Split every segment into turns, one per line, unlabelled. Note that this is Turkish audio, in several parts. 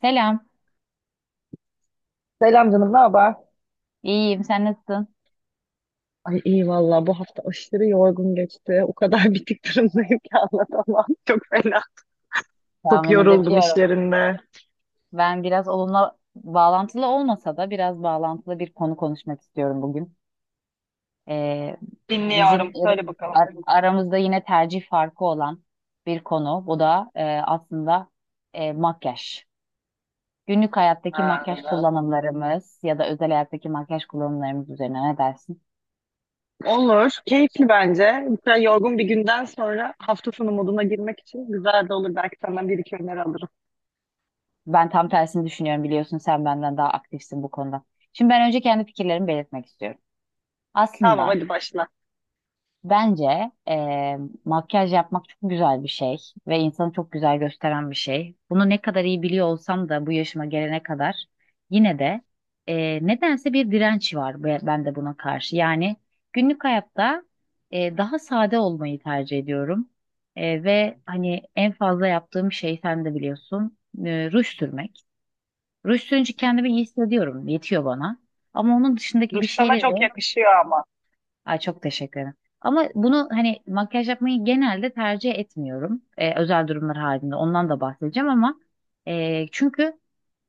Selam.
Selam canım, ne haber?
İyiyim. Sen nasılsın?
Ay iyi valla bu hafta aşırı yorgun geçti. O kadar bitik durumdayım ki anlatamam. Çok fena. Çok
Tahmin
yoruldum
edebiliyorum.
işlerinde.
Ben biraz onunla bağlantılı olmasa da biraz bağlantılı bir konu konuşmak istiyorum bugün. Ee, Bizim
Dinliyorum. Söyle bakalım.
aramızda yine tercih farkı olan bir konu. Bu da aslında makyaj. Günlük hayattaki
Ha.
makyaj kullanımlarımız ya da özel hayattaki makyaj kullanımlarımız üzerine ne dersin?
Olur. Keyifli bence. Mesela yorgun bir günden sonra hafta sonu moduna girmek için güzel de olur. Belki senden bir iki öneri alırım.
Ben tam tersini düşünüyorum biliyorsun. Sen benden daha aktifsin bu konuda. Şimdi ben önce kendi fikirlerimi belirtmek istiyorum.
Tamam
Aslında.
hadi başla.
Bence makyaj yapmak çok güzel bir şey ve insanı çok güzel gösteren bir şey. Bunu ne kadar iyi biliyor olsam da bu yaşıma gelene kadar yine de nedense bir direnç var bende buna karşı. Yani günlük hayatta daha sade olmayı tercih ediyorum. Ve hani en fazla yaptığım şey sen de biliyorsun ruj sürmek. Ruj sürünce kendimi iyi hissediyorum, yetiyor bana. Ama onun dışındaki
Duş
bir
sana
şeyleri.
çok yakışıyor ama.
Ay çok teşekkür ederim. Ama bunu hani makyaj yapmayı genelde tercih etmiyorum. Özel durumlar halinde ondan da bahsedeceğim ama çünkü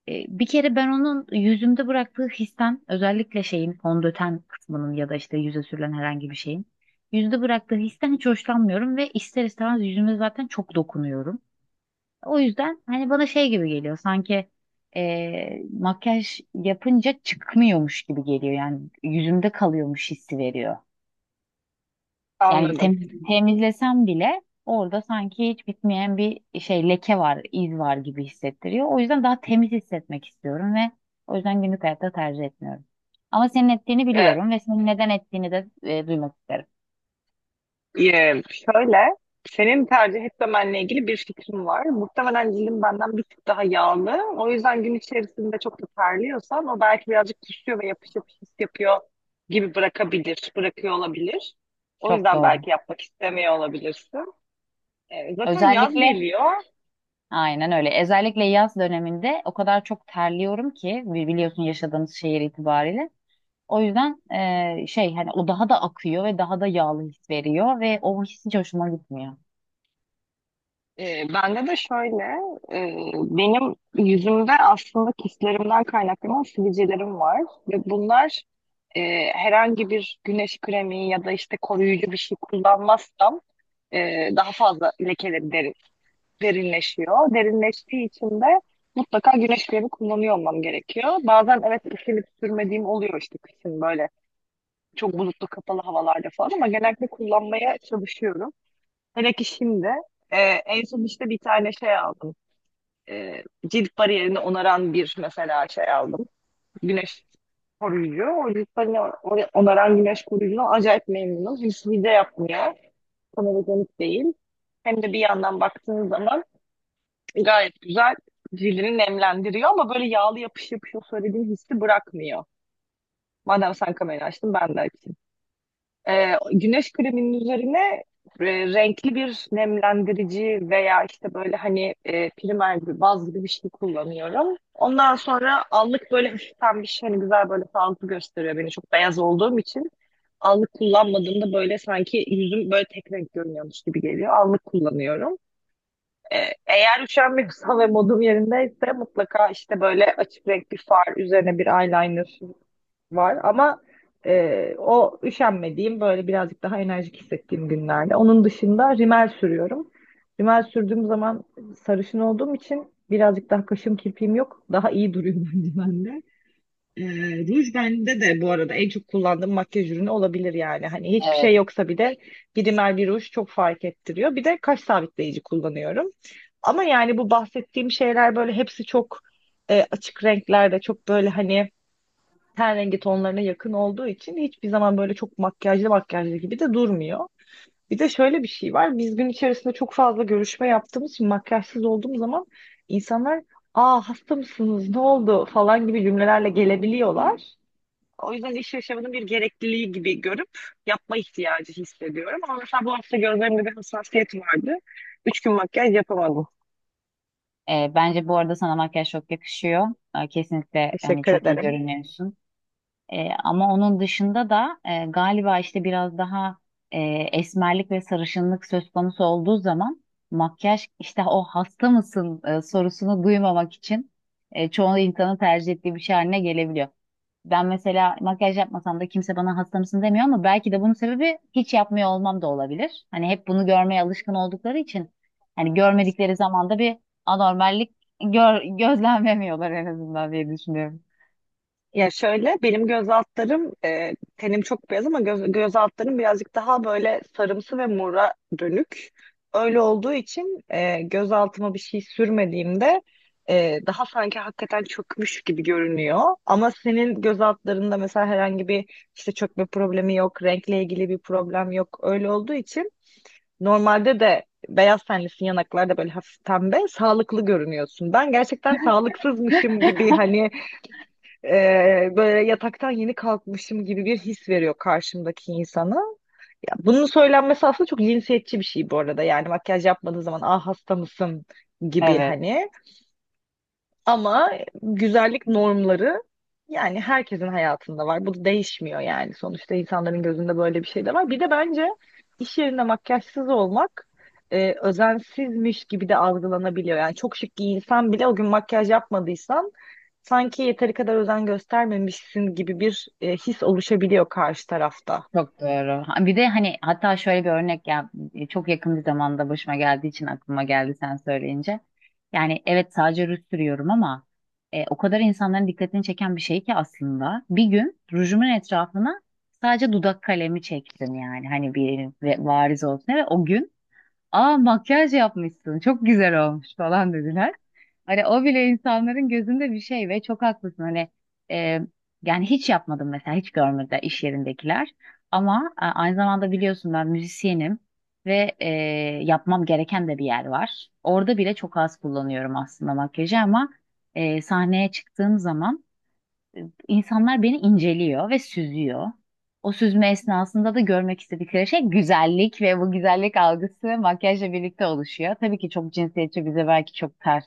bir kere ben onun yüzümde bıraktığı histen özellikle şeyin fondöten kısmının ya da işte yüze sürülen herhangi bir şeyin yüzde bıraktığı histen hiç hoşlanmıyorum ve ister istemez yüzüme zaten çok dokunuyorum. O yüzden hani bana şey gibi geliyor sanki makyaj yapınca çıkmıyormuş gibi geliyor yani yüzümde kalıyormuş hissi veriyor. Yani
Anladım.
temizlesem bile orada sanki hiç bitmeyen bir şey leke var, iz var gibi hissettiriyor. O yüzden daha temiz hissetmek istiyorum ve o yüzden günlük hayatta tercih etmiyorum. Ama senin ettiğini biliyorum ve senin neden ettiğini de duymak isterim.
Şöyle, senin tercih etmemenle ilgili bir fikrim var. Muhtemelen cildin benden bir tık daha yağlı. O yüzden gün içerisinde çok da terliyorsan o belki birazcık düşüyor ve yapış yapış his yapıyor gibi bırakabilir, bırakıyor olabilir. O
Çok
yüzden
doğru.
belki yapmak istemiyor olabilirsin. Zaten yaz
Özellikle
geliyor.
aynen öyle. Özellikle yaz döneminde o kadar çok terliyorum ki biliyorsun yaşadığımız şehir itibariyle. O yüzden şey hani o daha da akıyor ve daha da yağlı his veriyor ve o his hiç hoşuma gitmiyor.
Bende de şöyle, e, benim yüzümde aslında kistlerimden kaynaklanan sivilcelerim var ve bunlar e, herhangi bir güneş kremi ya da işte koruyucu bir şey kullanmazsam daha fazla lekeleri derinleşiyor. Derinleştiği için de mutlaka güneş kremi kullanıyor olmam gerekiyor. Bazen evet üşenip sürmediğim oluyor işte kışın böyle çok bulutlu kapalı havalarda falan ama genellikle kullanmaya çalışıyorum. Hele ki şimdi. Ee, En son işte bir tane şey aldım. e, Cilt bariyerini onaran bir mesela şey aldım. Güneş koruyucu. O cilt bariyerini onaran güneş koruyucuna acayip memnunum. Hiç hile yapmıyor. Fotojenik değil. Hem de bir yandan baktığınız zaman gayet güzel cildini nemlendiriyor ama böyle yağlı yapış yapış o söylediğim hissi bırakmıyor. Madem sen kamerayı açtın ben de açayım. Güneş kreminin üzerine e, renkli bir nemlendirici veya işte böyle hani primer gibi baz gibi bir şey kullanıyorum. Ondan sonra allık böyle hafiften bir şey hani güzel böyle sağlıklı gösteriyor beni çok beyaz olduğum için. Allık kullanmadığımda böyle sanki yüzüm böyle tek renk görünüyormuş gibi geliyor. Allık kullanıyorum. Ee, Eğer üşenmiyorsam ve modum yerindeyse mutlaka işte böyle açık renk bir far üzerine bir eyeliner var ama o üşenmediğim böyle birazcık daha enerjik hissettiğim günlerde. Onun dışında rimel sürüyorum. Rimel sürdüğüm zaman sarışın olduğum için birazcık daha kaşım kirpiğim yok. Daha iyi duruyor bence bende. E, Ruj bende de bu arada en çok kullandığım makyaj ürünü olabilir yani. Hani hiçbir şey yoksa bir de bir rimel bir ruj çok fark ettiriyor. Bir de kaş sabitleyici kullanıyorum. Ama yani bu bahsettiğim şeyler böyle hepsi çok açık renklerde çok böyle hani ten rengi tonlarına yakın olduğu için hiçbir zaman böyle çok makyajlı makyajlı gibi de durmuyor. Bir de şöyle bir şey var. Biz gün içerisinde çok fazla görüşme yaptığımız için makyajsız olduğum zaman insanlar "Aa hasta mısınız? Ne oldu?" falan gibi cümlelerle gelebiliyorlar. O yüzden iş yaşamının bir gerekliliği gibi görüp yapma ihtiyacı hissediyorum. Ama mesela bu hafta gözlerimde bir hassasiyet vardı. Üç gün makyaj yapamadım.
Bence bu arada sana makyaj çok yakışıyor. Kesinlikle hani
Teşekkür
çok iyi
ederim.
görünüyorsun. Ama onun dışında da galiba işte biraz daha e, esmerlik ve sarışınlık söz konusu olduğu zaman makyaj işte o hasta mısın sorusunu duymamak için çoğu insanın tercih ettiği bir şey haline gelebiliyor. Ben mesela makyaj yapmasam da kimse bana hasta mısın demiyor ama belki de bunun sebebi hiç yapmıyor olmam da olabilir. Hani hep bunu görmeye alışkın oldukları için hani görmedikleri zaman da bir anormallik gözlemlemiyorlar en azından diye düşünüyorum.
Ya şöyle benim göz altlarım tenim çok beyaz ama göz altlarım birazcık daha böyle sarımsı ve mora dönük. Öyle olduğu için göz altıma bir şey sürmediğimde daha sanki hakikaten çökmüş gibi görünüyor. Ama senin göz altlarında mesela herhangi bir işte çökme problemi yok, renkle ilgili bir problem yok. Öyle olduğu için normalde de beyaz tenlisin yanaklarda böyle hafif pembe sağlıklı görünüyorsun. Ben gerçekten sağlıksızmışım gibi hani böyle yataktan yeni kalkmışım gibi bir his veriyor karşımdaki insana. Ya, bunun söylenmesi aslında çok cinsiyetçi bir şey bu arada. Yani makyaj yapmadığın zaman ah hasta mısın gibi
Evet.
hani. Ama güzellik normları yani herkesin hayatında var. Bu da değişmiyor yani. Sonuçta insanların gözünde böyle bir şey de var. Bir de bence iş yerinde makyajsız olmak özensizmiş gibi de algılanabiliyor. Yani çok şık giyinsen bile o gün makyaj yapmadıysan sanki yeteri kadar özen göstermemişsin gibi bir his oluşabiliyor karşı tarafta.
Çok doğru. Ha, bir de hani hatta şöyle bir örnek ya, çok yakın bir zamanda başıma geldiği için aklıma geldi sen söyleyince. Yani evet sadece ruj sürüyorum ama o kadar insanların dikkatini çeken bir şey ki aslında. Bir gün rujumun etrafına sadece dudak kalemi çektim yani hani bir variz olsun ve o gün aa makyaj yapmışsın çok güzel olmuş falan dediler. Hani o bile insanların gözünde bir şey ve çok haklısın. Hani e, yani hiç yapmadım mesela hiç görmedi iş yerindekiler. Ama aynı zamanda biliyorsun ben müzisyenim ve yapmam gereken de bir yer var. Orada bile çok az kullanıyorum aslında makyajı ama sahneye çıktığım zaman İnsanlar beni inceliyor ve süzüyor. O süzme esnasında da görmek istedikleri şey güzellik ve bu güzellik algısı makyajla birlikte oluşuyor. Tabii ki çok cinsiyetçi, bize belki çok ters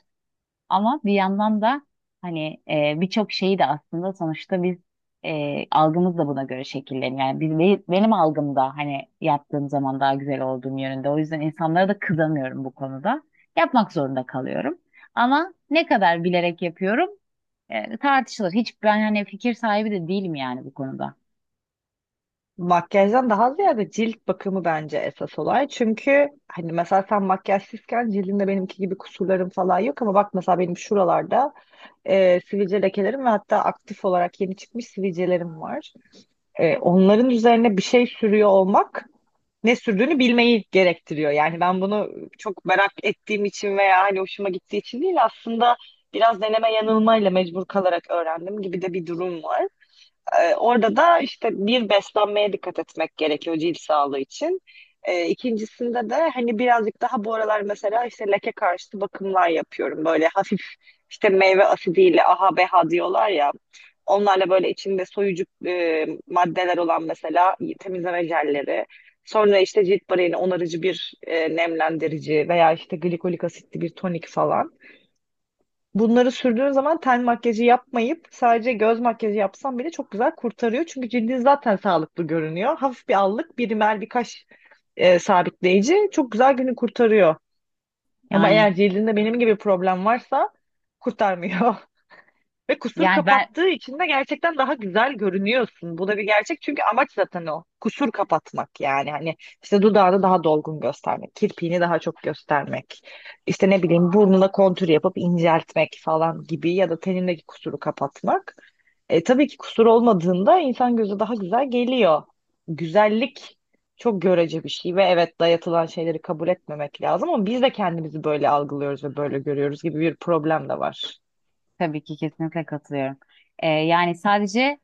ama bir yandan da hani birçok şeyi de aslında sonuçta biz algımız da buna göre şekilleniyor. Yani benim algımda hani yaptığım zaman daha güzel olduğum yönünde. O yüzden insanlara da kızamıyorum bu konuda. Yapmak zorunda kalıyorum. Ama ne kadar bilerek yapıyorum tartışılır. Hiç ben hani fikir sahibi de değilim yani bu konuda.
Makyajdan daha ziyade cilt bakımı bence esas olay. Çünkü hani mesela sen makyajsızken cildinde benimki gibi kusurlarım falan yok ama bak mesela benim şuralarda sivilce lekelerim ve hatta aktif olarak yeni çıkmış sivilcelerim var. Onların üzerine bir şey sürüyor olmak ne sürdüğünü bilmeyi gerektiriyor. Yani ben bunu çok merak ettiğim için veya hani hoşuma gittiği için değil aslında biraz deneme yanılmayla mecbur kalarak öğrendim gibi de bir durum var. Orada da işte bir beslenmeye dikkat etmek gerekiyor cilt sağlığı için. İkincisinde de hani birazcık daha bu aralar mesela işte leke karşıtı bakımlar yapıyorum. Böyle hafif işte meyve asidiyle AHA BHA diyorlar ya. Onlarla böyle içinde soyucu maddeler olan mesela temizleme jelleri. Sonra işte cilt bariyeri onarıcı bir nemlendirici veya işte glikolik asitli bir tonik falan. Bunları sürdüğün zaman ten makyajı yapmayıp sadece göz makyajı yapsan bile çok güzel kurtarıyor. Çünkü cildin zaten sağlıklı görünüyor. Hafif bir allık, bir rimel, bir kaş sabitleyici çok güzel günü kurtarıyor. Ama
Yani
eğer cildinde benim gibi problem varsa kurtarmıyor. Ve kusur
ben
kapattığı için de gerçekten daha güzel görünüyorsun. Bu da bir gerçek çünkü amaç zaten o. Kusur kapatmak yani hani işte dudağını daha dolgun göstermek, kirpiğini daha çok göstermek, işte ne bileyim burnuna kontür yapıp inceltmek falan gibi ya da tenindeki kusuru kapatmak. Tabii ki kusur olmadığında insan gözü daha güzel geliyor. Güzellik çok görece bir şey ve evet dayatılan şeyleri kabul etmemek lazım ama biz de kendimizi böyle algılıyoruz ve böyle görüyoruz gibi bir problem de var.
tabii ki kesinlikle katılıyorum. Yani sadece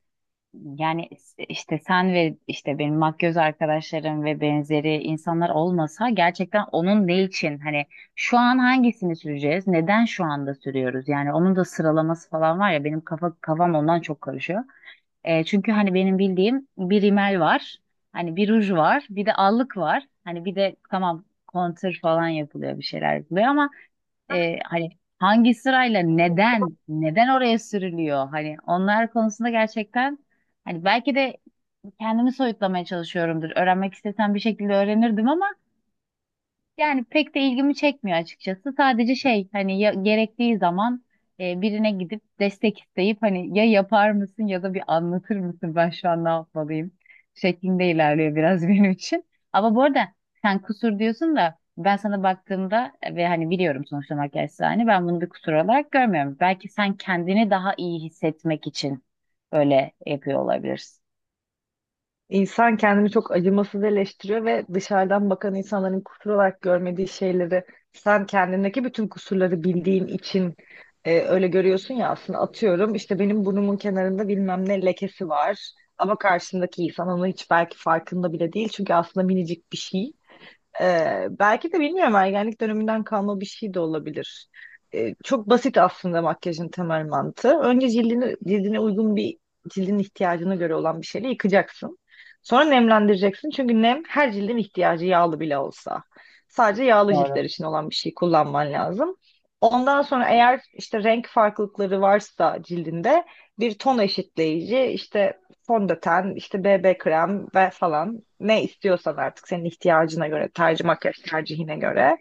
yani işte sen ve işte benim makyöz arkadaşlarım ve benzeri insanlar olmasa gerçekten onun ne için hani şu an hangisini süreceğiz? Neden şu anda sürüyoruz? Yani onun da sıralaması falan var ya benim kafam ondan çok karışıyor. Çünkü hani benim bildiğim bir rimel var. Hani bir ruj var. Bir de allık var. Hani bir de tamam kontür falan yapılıyor bir şeyler yapılıyor ama hani hangi sırayla neden oraya sürülüyor? Hani onlar konusunda gerçekten hani belki de kendimi soyutlamaya çalışıyorumdur. Öğrenmek istesem bir şekilde öğrenirdim ama yani pek de ilgimi çekmiyor açıkçası. Sadece şey hani ya, gerektiği zaman birine gidip destek isteyip hani ya yapar mısın ya da bir anlatır mısın ben şu an ne yapmalıyım şeklinde ilerliyor biraz benim için. Ama bu arada sen kusur diyorsun da ben sana baktığımda ve hani biliyorum sonuçta makyajsa hani ben bunu bir kusur olarak görmüyorum. Belki sen kendini daha iyi hissetmek için böyle yapıyor olabilirsin.
İnsan kendini çok acımasız eleştiriyor ve dışarıdan bakan insanların kusur olarak görmediği şeyleri sen kendindeki bütün kusurları bildiğin için öyle görüyorsun ya aslında atıyorum işte benim burnumun kenarında bilmem ne lekesi var ama karşımdaki insan onun hiç belki farkında bile değil çünkü aslında minicik bir şey. Belki de bilmiyorum ergenlik döneminden kalma bir şey de olabilir. Çok basit aslında makyajın temel mantığı. Önce cildine uygun bir cildin ihtiyacına göre olan bir şeyle yıkacaksın. Sonra nemlendireceksin. Çünkü nem her cildin ihtiyacı yağlı bile olsa. Sadece yağlı
Doğru.
ciltler için olan bir şey kullanman lazım. Ondan sonra eğer işte renk farklılıkları varsa cildinde bir ton eşitleyici işte fondöten, işte BB krem ve falan ne istiyorsan artık senin ihtiyacına göre, makyaj tercihine göre.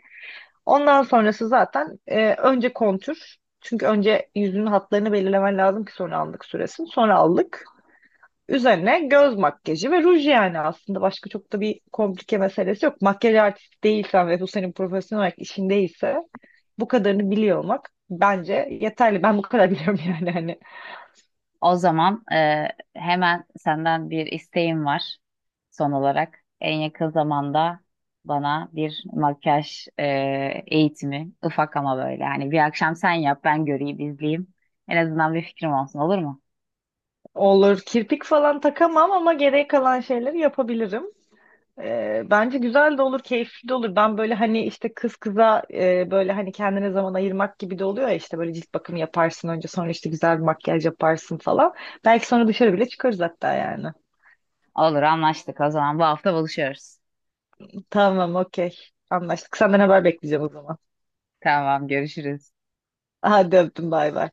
Ondan sonrası zaten önce kontür. Çünkü önce yüzünün hatlarını belirlemen lazım ki sonra aldık süresin. Sonra aldık. Üzerine göz makyajı ve ruj yani aslında başka çok da bir komplike meselesi yok. Makyaj artisti değilsen ve bu senin profesyonel olarak işin değilse bu kadarını biliyor olmak bence yeterli. Ben bu kadar biliyorum yani hani.
O zaman hemen senden bir isteğim var son olarak. En yakın zamanda bana bir makyaj eğitimi, ufak ama böyle. Hani bir akşam sen yap ben göreyim izleyeyim. En azından bir fikrim olsun, olur mu?
Olur kirpik falan takamam ama geriye kalan şeyleri yapabilirim. Bence güzel de olur, keyifli de olur. Ben böyle hani işte kız kıza böyle hani kendine zaman ayırmak gibi de oluyor ya işte böyle cilt bakımı yaparsın önce sonra işte güzel bir makyaj yaparsın falan. Belki sonra dışarı bile çıkarız hatta yani.
Olur, anlaştık. O zaman bu hafta buluşuyoruz.
Tamam, okey. Anlaştık. Senden haber bekleyeceğim o zaman.
Tamam, görüşürüz.
Hadi öptüm, bay bay.